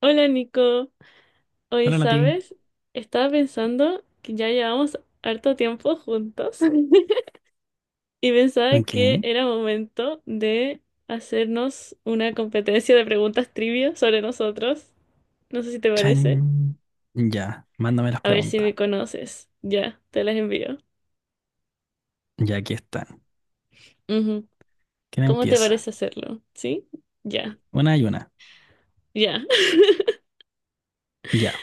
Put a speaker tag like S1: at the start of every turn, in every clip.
S1: Hola Nico, hoy
S2: Hola Nati.
S1: sabes, estaba pensando que ya llevamos harto tiempo juntos y pensaba que
S2: Ok.
S1: era momento de hacernos una competencia de preguntas trivia sobre nosotros. No sé si te parece.
S2: Chan. Ya, mándame las
S1: A ver si
S2: preguntas.
S1: me conoces. Ya, te las envío.
S2: Ya aquí están.
S1: Ujú.
S2: ¿Quién
S1: ¿Cómo te
S2: empieza?
S1: parece hacerlo? ¿Sí? Ya,
S2: Una y una.
S1: ya.
S2: Ya.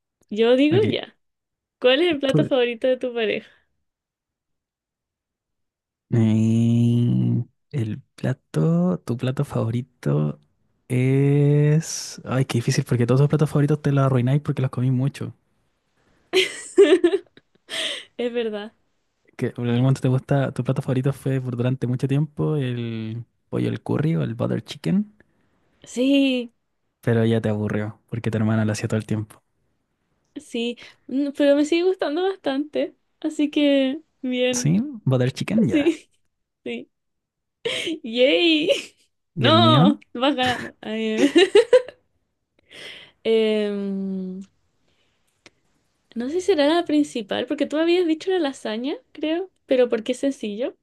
S1: Yo digo
S2: Ok.
S1: ya. ¿Cuál es el plato
S2: Tú-
S1: favorito de tu pareja?
S2: Eh, el plato, tu plato favorito es... Ay, qué difícil porque todos tus platos favoritos te los arruináis porque los comí mucho.
S1: Es verdad.
S2: Que en algún momento te gusta, tu plato favorito fue por durante mucho tiempo el pollo al curry o el butter chicken,
S1: Sí.
S2: pero ya te aburrió porque tu hermana lo hacía todo el tiempo.
S1: Sí, pero me sigue gustando bastante. Así que, bien.
S2: ¿Sí? Butter chicken, ya.
S1: Sí, sí. ¡Yay!
S2: ¿Y el
S1: ¡No!
S2: mío?
S1: Vas ganando. Ay, Em, no sé si será la principal, porque tú habías dicho la lasaña, creo, pero porque es sencillo.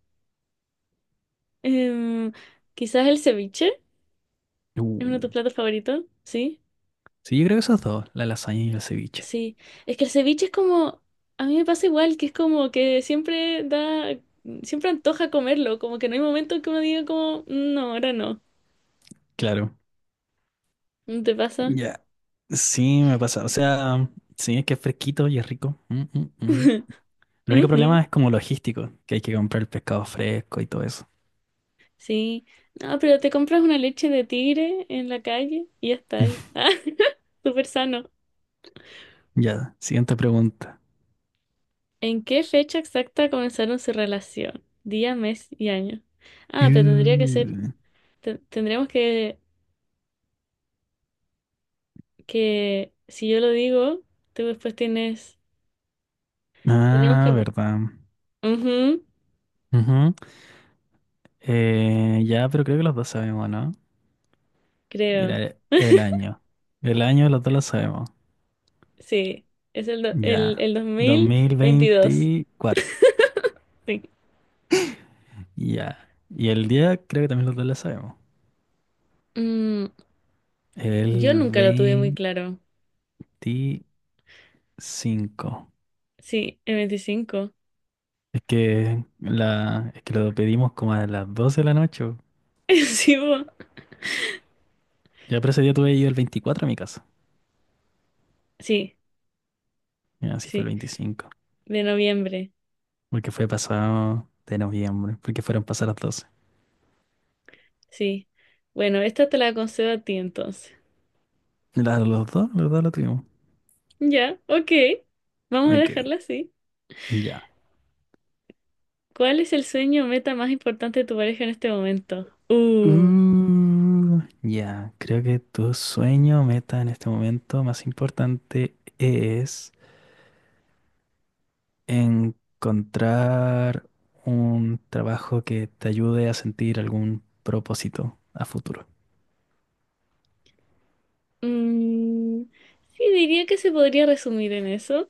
S1: Em, Quizás el ceviche
S2: Uh,
S1: es uno de tus platos favoritos, ¿sí?
S2: sí, yo creo que esos dos, la lasaña y el ceviche.
S1: Sí. Es que el ceviche es como, a mí me pasa igual, que es como que siempre da, siempre antoja comerlo, como que no hay momento que uno diga como, no, ahora no.
S2: Claro.
S1: ¿No te pasa?
S2: Ya. Sí, me pasa. O sea, sí, es que es fresquito y es rico. Mm, mm, mm. El único
S1: Ujú,
S2: problema es como logístico, que hay que comprar el pescado fresco y todo eso.
S1: sí. No, pero te compras una leche de tigre en la calle y ya está ahí. Ah, súper sano.
S2: Ya, siguiente pregunta.
S1: ¿En qué fecha exacta comenzaron su relación? Día, mes y año. Ah, pero tendría que ser,
S2: Uh,
S1: tendríamos que, si yo lo digo, tú después tienes, tendríamos
S2: ah,
S1: que,
S2: verdad.
S1: ujú,
S2: Ujú. Ya, pero creo que los dos sabemos, ¿no?
S1: creo.
S2: Mira, el año. El año los dos lo sabemos.
S1: Sí, es el, do- el,
S2: Ya.
S1: el
S2: dos mil
S1: 2022.
S2: veinticuatro.
S1: Sí.
S2: Ya. Y el día creo que también los dos la sabemos.
S1: Mm,
S2: El
S1: yo nunca lo tuve muy claro.
S2: 25.
S1: Sí, el 25,
S2: Es que es que lo pedimos como a las 12 de la noche. Bo.
S1: sí, po.
S2: Ya, pero ese día tuve yo el 24 a mi casa.
S1: Sí,
S2: Y así fue el
S1: sí,
S2: 25.
S1: de noviembre.
S2: Porque fue pasado de noviembre. Porque fueron pasadas las doce.
S1: Sí. Bueno, esta te la concedo a ti entonces.
S2: La- los dos lo tuvimos.
S1: Ya, ok. Vamos a
S2: Ok,
S1: dejarla así.
S2: ya.
S1: ¿Cuál es el sueño o meta más importante de tu pareja en este momento?
S2: Ya, creo que tu sueño, meta en este momento más importante es... Encontrar un trabajo que te ayude a sentir algún propósito a futuro.
S1: Mm, sí, diría que se podría resumir en eso.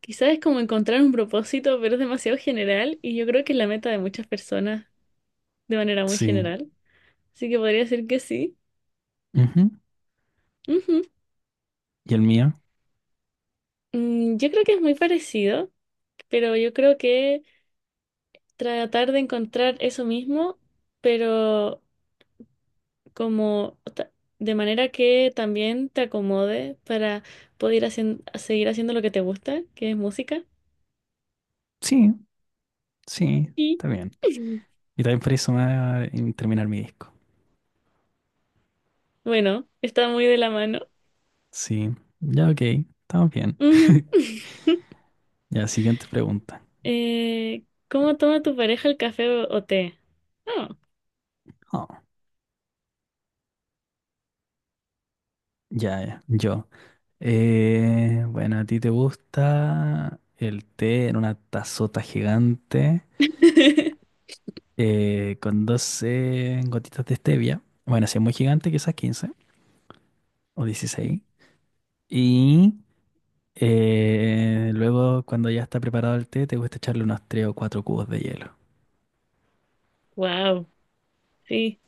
S1: Quizás es como encontrar un propósito, pero es demasiado general y yo creo que es la meta de muchas personas de manera muy
S2: Sí.
S1: general. Así que podría ser que sí.
S2: Ujú.
S1: Ujú.
S2: ¿Y el mío?
S1: Mm, yo creo que es muy parecido. Pero yo creo que tratar de encontrar eso mismo, pero como ta- de manera que también te acomode para poder seguir haciendo lo que te gusta, que es música.
S2: Sí, sí,
S1: Y
S2: está bien. Y también por eso me va a en terminar mi disco.
S1: bueno, está muy de la mano.
S2: Sí, ya ok, estamos bien.
S1: Ujú.
S2: Ya, siguiente pregunta.
S1: Eh, ¿cómo toma tu pareja el café o té? Oh.
S2: Oh, ya, ya, yo. Bueno, ¿a ti te gusta el té en una tazota gigante? Con 12 gotitas de stevia. Bueno, si es muy gigante, quizás 15 o 16, Y luego, cuando ya está preparado el té, te gusta echarle unos 3 o 4 cubos de hielo.
S1: Wow, sí.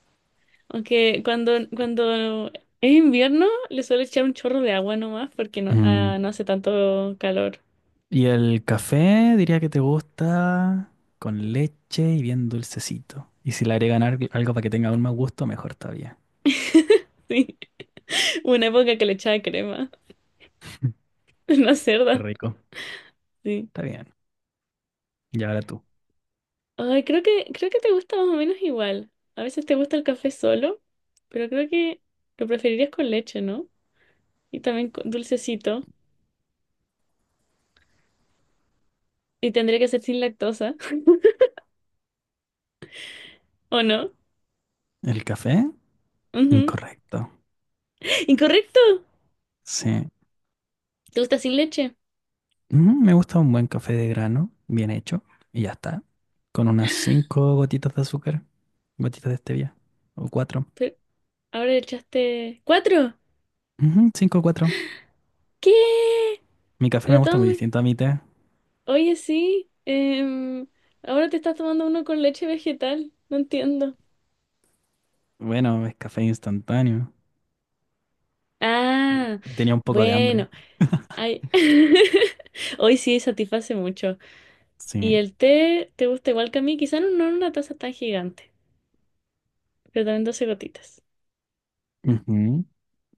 S1: Aunque cuando es invierno le suelo echar un chorro de agua nomás porque no, ah,
S2: Mm.
S1: no hace tanto calor.
S2: Y el café, diría que te gusta con leche y bien dulcecito. Y si le agregan al- algo para que tenga aún más gusto, mejor todavía.
S1: Sí. Hubo una época que le echaba crema. Una
S2: Qué
S1: cerda.
S2: rico.
S1: Sí.
S2: Está bien. Y ahora tú.
S1: Ay, creo que te gusta más o menos igual. A veces te gusta el café solo, pero creo que lo preferirías con leche, ¿no? Y también con dulcecito. Y tendría que ser sin lactosa, ¿o no?
S2: El café,
S1: Ujú.
S2: incorrecto.
S1: Incorrecto.
S2: Sí.
S1: ¿Te gusta sin leche?
S2: Me gusta un buen café de grano, bien hecho, y ya está. Con unas cinco gotitas de azúcar, gotitas de stevia, o cuatro.
S1: Pero ahora le echaste cuatro.
S2: Ujú, cinco o cuatro.
S1: ¿Qué?
S2: Mi café me
S1: Lo
S2: gusta muy
S1: tomo.
S2: distinto a mi té.
S1: Oye, sí, ahora te estás tomando uno con leche vegetal, no entiendo.
S2: Bueno, es café instantáneo. Mm.
S1: Ah,
S2: Y tenía un poco de hambre.
S1: bueno, ay, hoy sí satisface mucho. Y
S2: Sí.
S1: el té te gusta igual que a mí, quizás no en una taza tan gigante, pero también 12 gotitas.
S2: Ujú.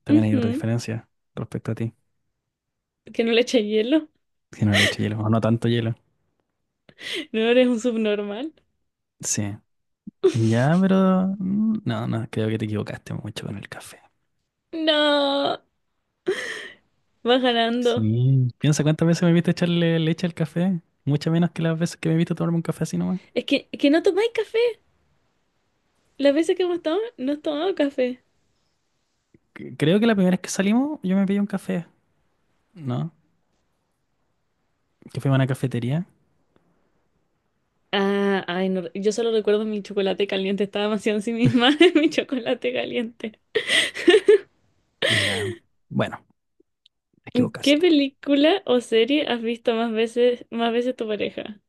S2: También hay otra
S1: Ujú.
S2: diferencia respecto a ti.
S1: Que no le eche hielo,
S2: Si no le echo hielo, o no tanto hielo.
S1: no eres un subnormal.
S2: Sí. Ya, pero no, creo que te equivocaste mucho con el café.
S1: No, vas ganando.
S2: Sí, piensa cuántas veces me viste echarle leche al café. Muchas menos que las veces que me viste tomarme un café así nomás.
S1: Es que no tomáis café. Las veces que hemos estado, no has tomado café.
S2: C- Creo que la primera vez que salimos yo me pedí un café, ¿no? Que fui a una cafetería.
S1: Ah, ay, no, yo solo recuerdo mi chocolate caliente, estaba demasiado en sí misma en mi chocolate caliente.
S2: Ya. Bueno, te
S1: ¿Qué
S2: equivocaste.
S1: película o serie has visto más veces tu pareja?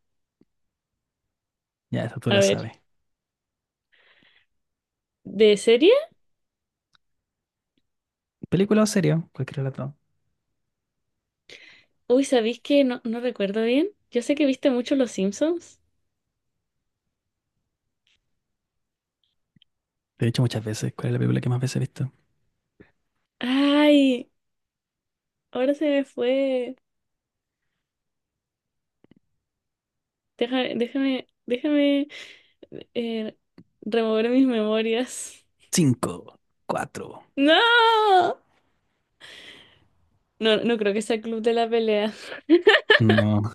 S2: Ya, esa tú
S1: A
S2: la
S1: ver,
S2: sabes.
S1: ¿de serie?
S2: ¿Película o serie? Cualquier relato.
S1: Uy, ¿sabéis que no, no recuerdo bien? Yo sé que viste mucho Los Simpsons.
S2: Te he dicho muchas veces. ¿Cuál es la película que más veces he visto?
S1: Ay, ahora se me fue. Déjame eh, remover mis memorias.
S2: Cinco, cuatro.
S1: ¡No! No, no creo que sea Club de la Pelea.
S2: No,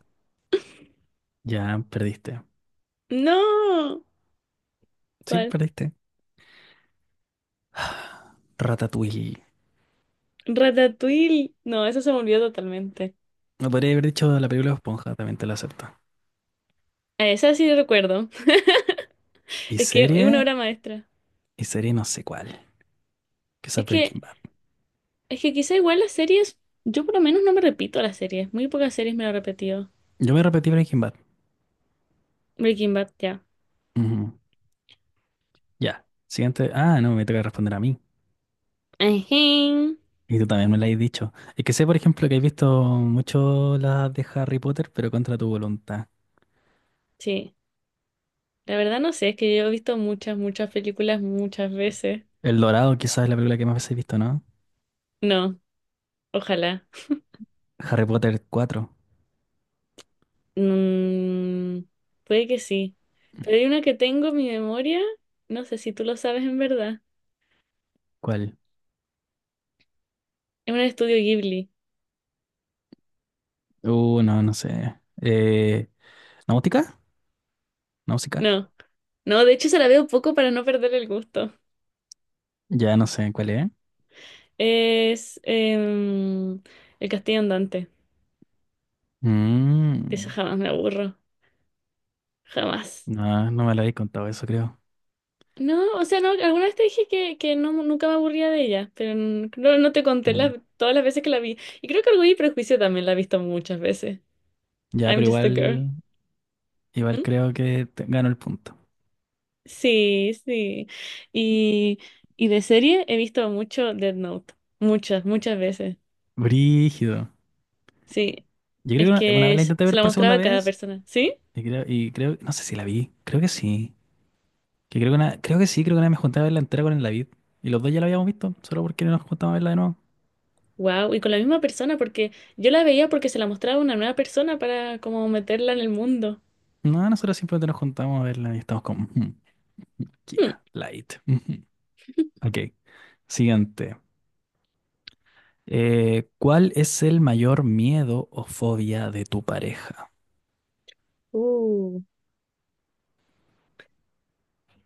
S2: ya perdiste.
S1: ¡No!
S2: Sí,
S1: ¿Cuál?
S2: perdiste. Ratatouille.
S1: Ratatouille. No, eso se me olvidó totalmente.
S2: No podría haber dicho la película de Esponja, también te lo acepto.
S1: A esa sí recuerdo.
S2: ¿Y
S1: Es que es una
S2: serie?
S1: obra maestra.
S2: Y serie no sé cuál. Que es
S1: Es
S2: Breaking
S1: que,
S2: Bad.
S1: es que quizá igual las series, yo por lo menos no me repito las series. Muy pocas series me lo he repetido.
S2: Yo me repetí Breaking Bad.
S1: Breaking Bad, ya.
S2: Ujú. Ya. Siguiente. Ah, no, me toca responder a mí.
S1: Ajín.
S2: Y tú también me lo has dicho. Es que sé, por ejemplo, que has visto mucho las de Harry Potter, pero contra tu voluntad.
S1: Sí. La verdad no sé, es que yo he visto muchas, muchas películas muchas veces.
S2: El Dorado quizás es la película que más veces he visto, ¿no?
S1: No, ojalá.
S2: Harry Potter cuatro.
S1: Mm, puede que sí. Pero hay una que tengo en mi memoria. No sé si tú lo sabes en verdad.
S2: ¿Cuál?
S1: Es un estudio Ghibli.
S2: No, no sé. ¿Náutica? ¿Náutica?
S1: No, no, de hecho se la veo poco para no perder el gusto.
S2: Ya no sé cuál es.
S1: Es El Castillo Andante. De esa
S2: Mm,
S1: jamás me aburro. Jamás.
S2: no, no me lo habéis contado eso, creo.
S1: No, o sea, no, alguna vez te dije que no, nunca me aburría de ella, pero no, no te conté
S2: Mm.
S1: todas las veces que la vi. Y creo que Orgullo y Prejuicio también la he visto muchas veces.
S2: Ya,
S1: I'm
S2: pero
S1: just a girl.
S2: igual, igual
S1: ¿Mm?
S2: creo que te- gano el punto.
S1: Sí, sí. Y, y de serie he visto mucho Dead Note. Muchas, muchas veces.
S2: Brígido.
S1: Sí.
S2: Yo
S1: Es
S2: creo que una
S1: que
S2: vez la
S1: se
S2: intenté
S1: se
S2: ver
S1: la
S2: por
S1: mostraba
S2: segunda
S1: a cada
S2: vez
S1: persona. ¿Sí?
S2: y creo, no sé si la vi, creo que sí. Que creo que una vez me junté a verla entera con el David. Y los dos ya la habíamos visto, solo porque no nos juntamos a verla de nuevo.
S1: Wow, y con la misma persona, porque yo la veía porque se la mostraba a una nueva persona para como meterla en el mundo.
S2: No, nosotros simplemente nos juntamos a verla y estamos como, "Ujú,
S1: Hmm.
S2: Kira, Light. ujú". Ok, siguiente. ¿Cuál es el mayor miedo o fobia de tu pareja?
S1: Uh.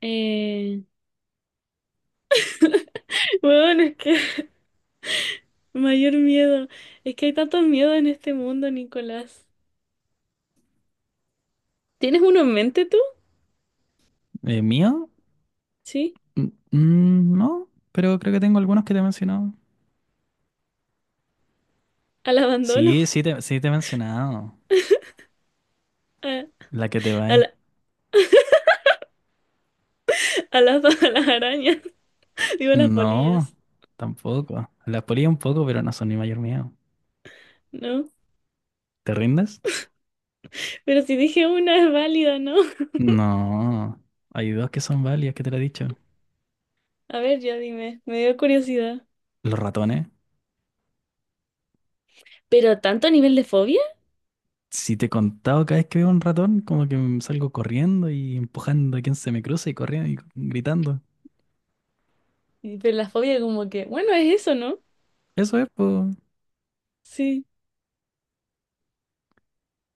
S1: Eh, bueno, es que mayor miedo. Es que hay tantos miedos en este mundo, Nicolás. ¿Tienes uno en mente tú?
S2: ¿Mío?
S1: Sí,
S2: No, pero creo que tengo algunos que te he mencionado.
S1: al abandono,
S2: Sí te he mencionado.
S1: a,
S2: La que te va.
S1: a a las arañas, digo a las
S2: No,
S1: polillas,
S2: tampoco. Las polillas un poco, pero no son mi mayor miedo.
S1: ¿no?
S2: ¿Te rindes?
S1: Pero si dije una es válida, ¿no?
S2: No. Hay dos que son válidas, que te lo he dicho.
S1: A ver, ya dime, me dio curiosidad.
S2: Los ratones.
S1: ¿Pero tanto a nivel de fobia?
S2: Si te he contado cada vez que veo un ratón, como que me salgo corriendo y empujando a quien se me cruza y corriendo y gritando.
S1: Y- Pero la fobia como que, bueno, es eso, ¿no?
S2: Eso es, po.
S1: Sí.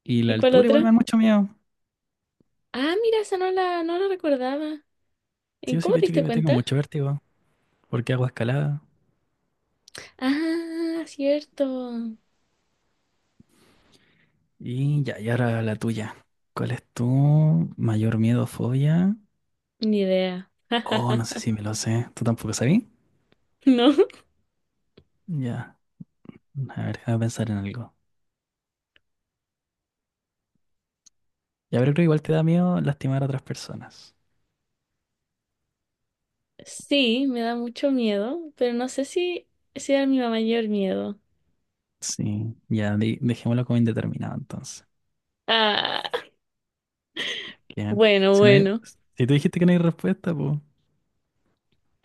S2: Y la
S1: ¿Y cuál
S2: altura igual me
S1: otra?
S2: da mucho miedo.
S1: Ah, mira, esa no la, no la recordaba.
S2: Sí,
S1: ¿En
S2: yo sí
S1: cómo
S2: te he
S1: te
S2: dicho
S1: diste
S2: que me tengo
S1: cuenta?
S2: mucho vértigo, porque hago escalada.
S1: Ah, cierto.
S2: Y ya, y ahora la tuya. ¿Cuál es tu mayor miedo o fobia?
S1: Ni idea.
S2: Oh, no sé si me lo sé. ¿Tú tampoco sabías?
S1: ¿No?
S2: Ya. A ver, déjame pensar en algo. Ya, pero creo que igual te da miedo lastimar a otras personas.
S1: Sí, me da mucho miedo, pero no sé si, si era mi mayor miedo.
S2: Sí, ya, de- dejémoslo como indeterminado entonces.
S1: Ah,
S2: Que si no hay-
S1: bueno.
S2: si tú dijiste que no hay respuesta, pues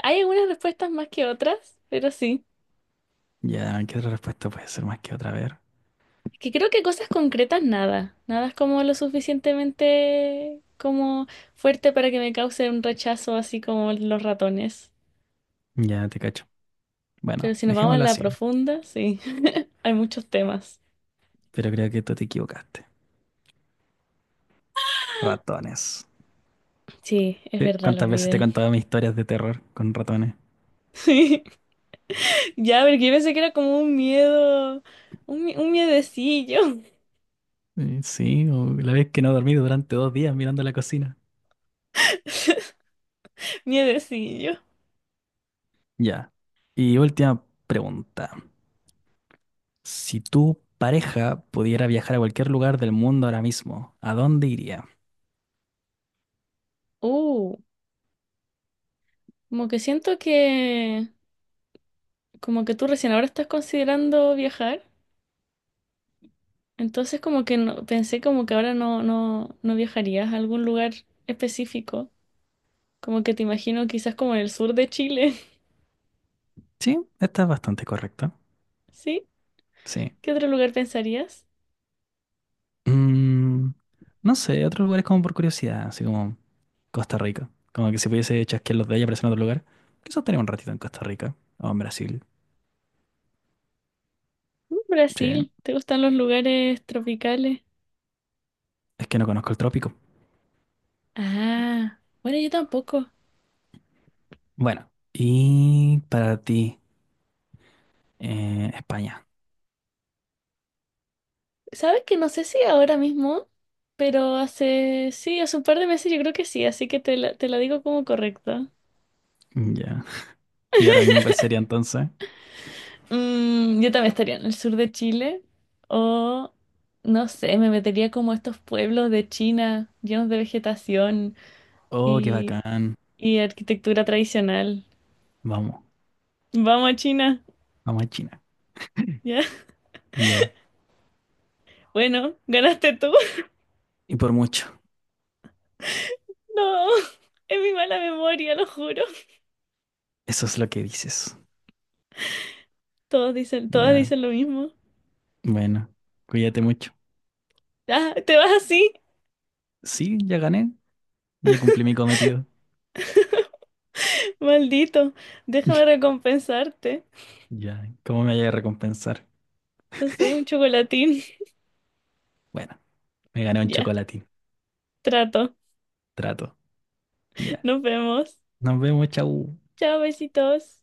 S1: Hay algunas respuestas más que otras, pero sí.
S2: ya, ¿qué otra respuesta puede ser más que otra? A ver,
S1: Es que creo que cosas concretas nada. Nada es como lo suficientemente como fuerte para que me cause un rechazo así como los ratones.
S2: ya te cacho. Bueno,
S1: Pero si nos vamos a
S2: dejémoslo
S1: la
S2: así,
S1: profunda, sí, hay muchos temas.
S2: pero creo que tú te equivocaste. Ratones.
S1: Sí, es verdad, lo
S2: ¿Cuántas veces te he
S1: olvidé.
S2: contado mis historias de terror con ratones?
S1: Sí, ya, porque yo pensé que era como un miedo, un miedecillo,
S2: Sí, o la vez que no dormí durante 2 días mirando la cocina.
S1: miedecillo.
S2: Ya. Y última pregunta. Si tu pareja pudiera viajar a cualquier lugar del mundo ahora mismo, ¿a dónde iría?
S1: Uh, como que siento que, como que tú recién ahora estás considerando viajar, entonces como que no, pensé como que ahora no viajarías a algún lugar específico, como que te imagino quizás como en el sur de Chile,
S2: Sí, esta es bastante correcta.
S1: ¿sí?
S2: Sí.
S1: ¿Qué otro lugar pensarías?
S2: Mm, no sé, otros lugares como por curiosidad, así como Costa Rica. Como que si pudiese chasquear los de ella aparecer en otro lugar. Quizás estaría un ratito en Costa Rica o en Brasil.
S1: Mm,
S2: Sí.
S1: Brasil, ¿te gustan los lugares tropicales?
S2: Es que no conozco el trópico.
S1: Ah, bueno, yo tampoco.
S2: Bueno, y para ti, España.
S1: ¿Sabes que no sé si ahora mismo, pero hace, sí, hace un par de meses yo creo que sí, así que te la digo como correcta.
S2: Mm, ya. ¿Y ahora mismo cuál sería entonces?
S1: Mm, yo también estaría en el sur de Chile o, no sé, me metería como a estos pueblos de China llenos de vegetación
S2: Oh, qué
S1: y,
S2: bacán.
S1: y arquitectura tradicional.
S2: Vamos,
S1: Vamos a China,
S2: vamos a China.
S1: ¿ya?
S2: Ya.
S1: Bueno, ganaste tú.
S2: Y por mucho.
S1: No, es mi mala memoria, lo juro.
S2: Eso es lo que dices.
S1: Todas
S2: Ya,
S1: dicen lo mismo.
S2: bueno, cuídate mucho.
S1: Ah, te vas así,
S2: Sí, ya gané, ya cumplí mi cometido.
S1: maldito. Déjame recompensarte.
S2: Ya, ¿cómo me voy a recompensar?
S1: No sé, un chocolatín.
S2: Bueno, me gané un
S1: Ya,
S2: chocolatín.
S1: trato.
S2: Trato. Ya.
S1: Nos vemos.
S2: Nos vemos, chau.
S1: Chao, besitos.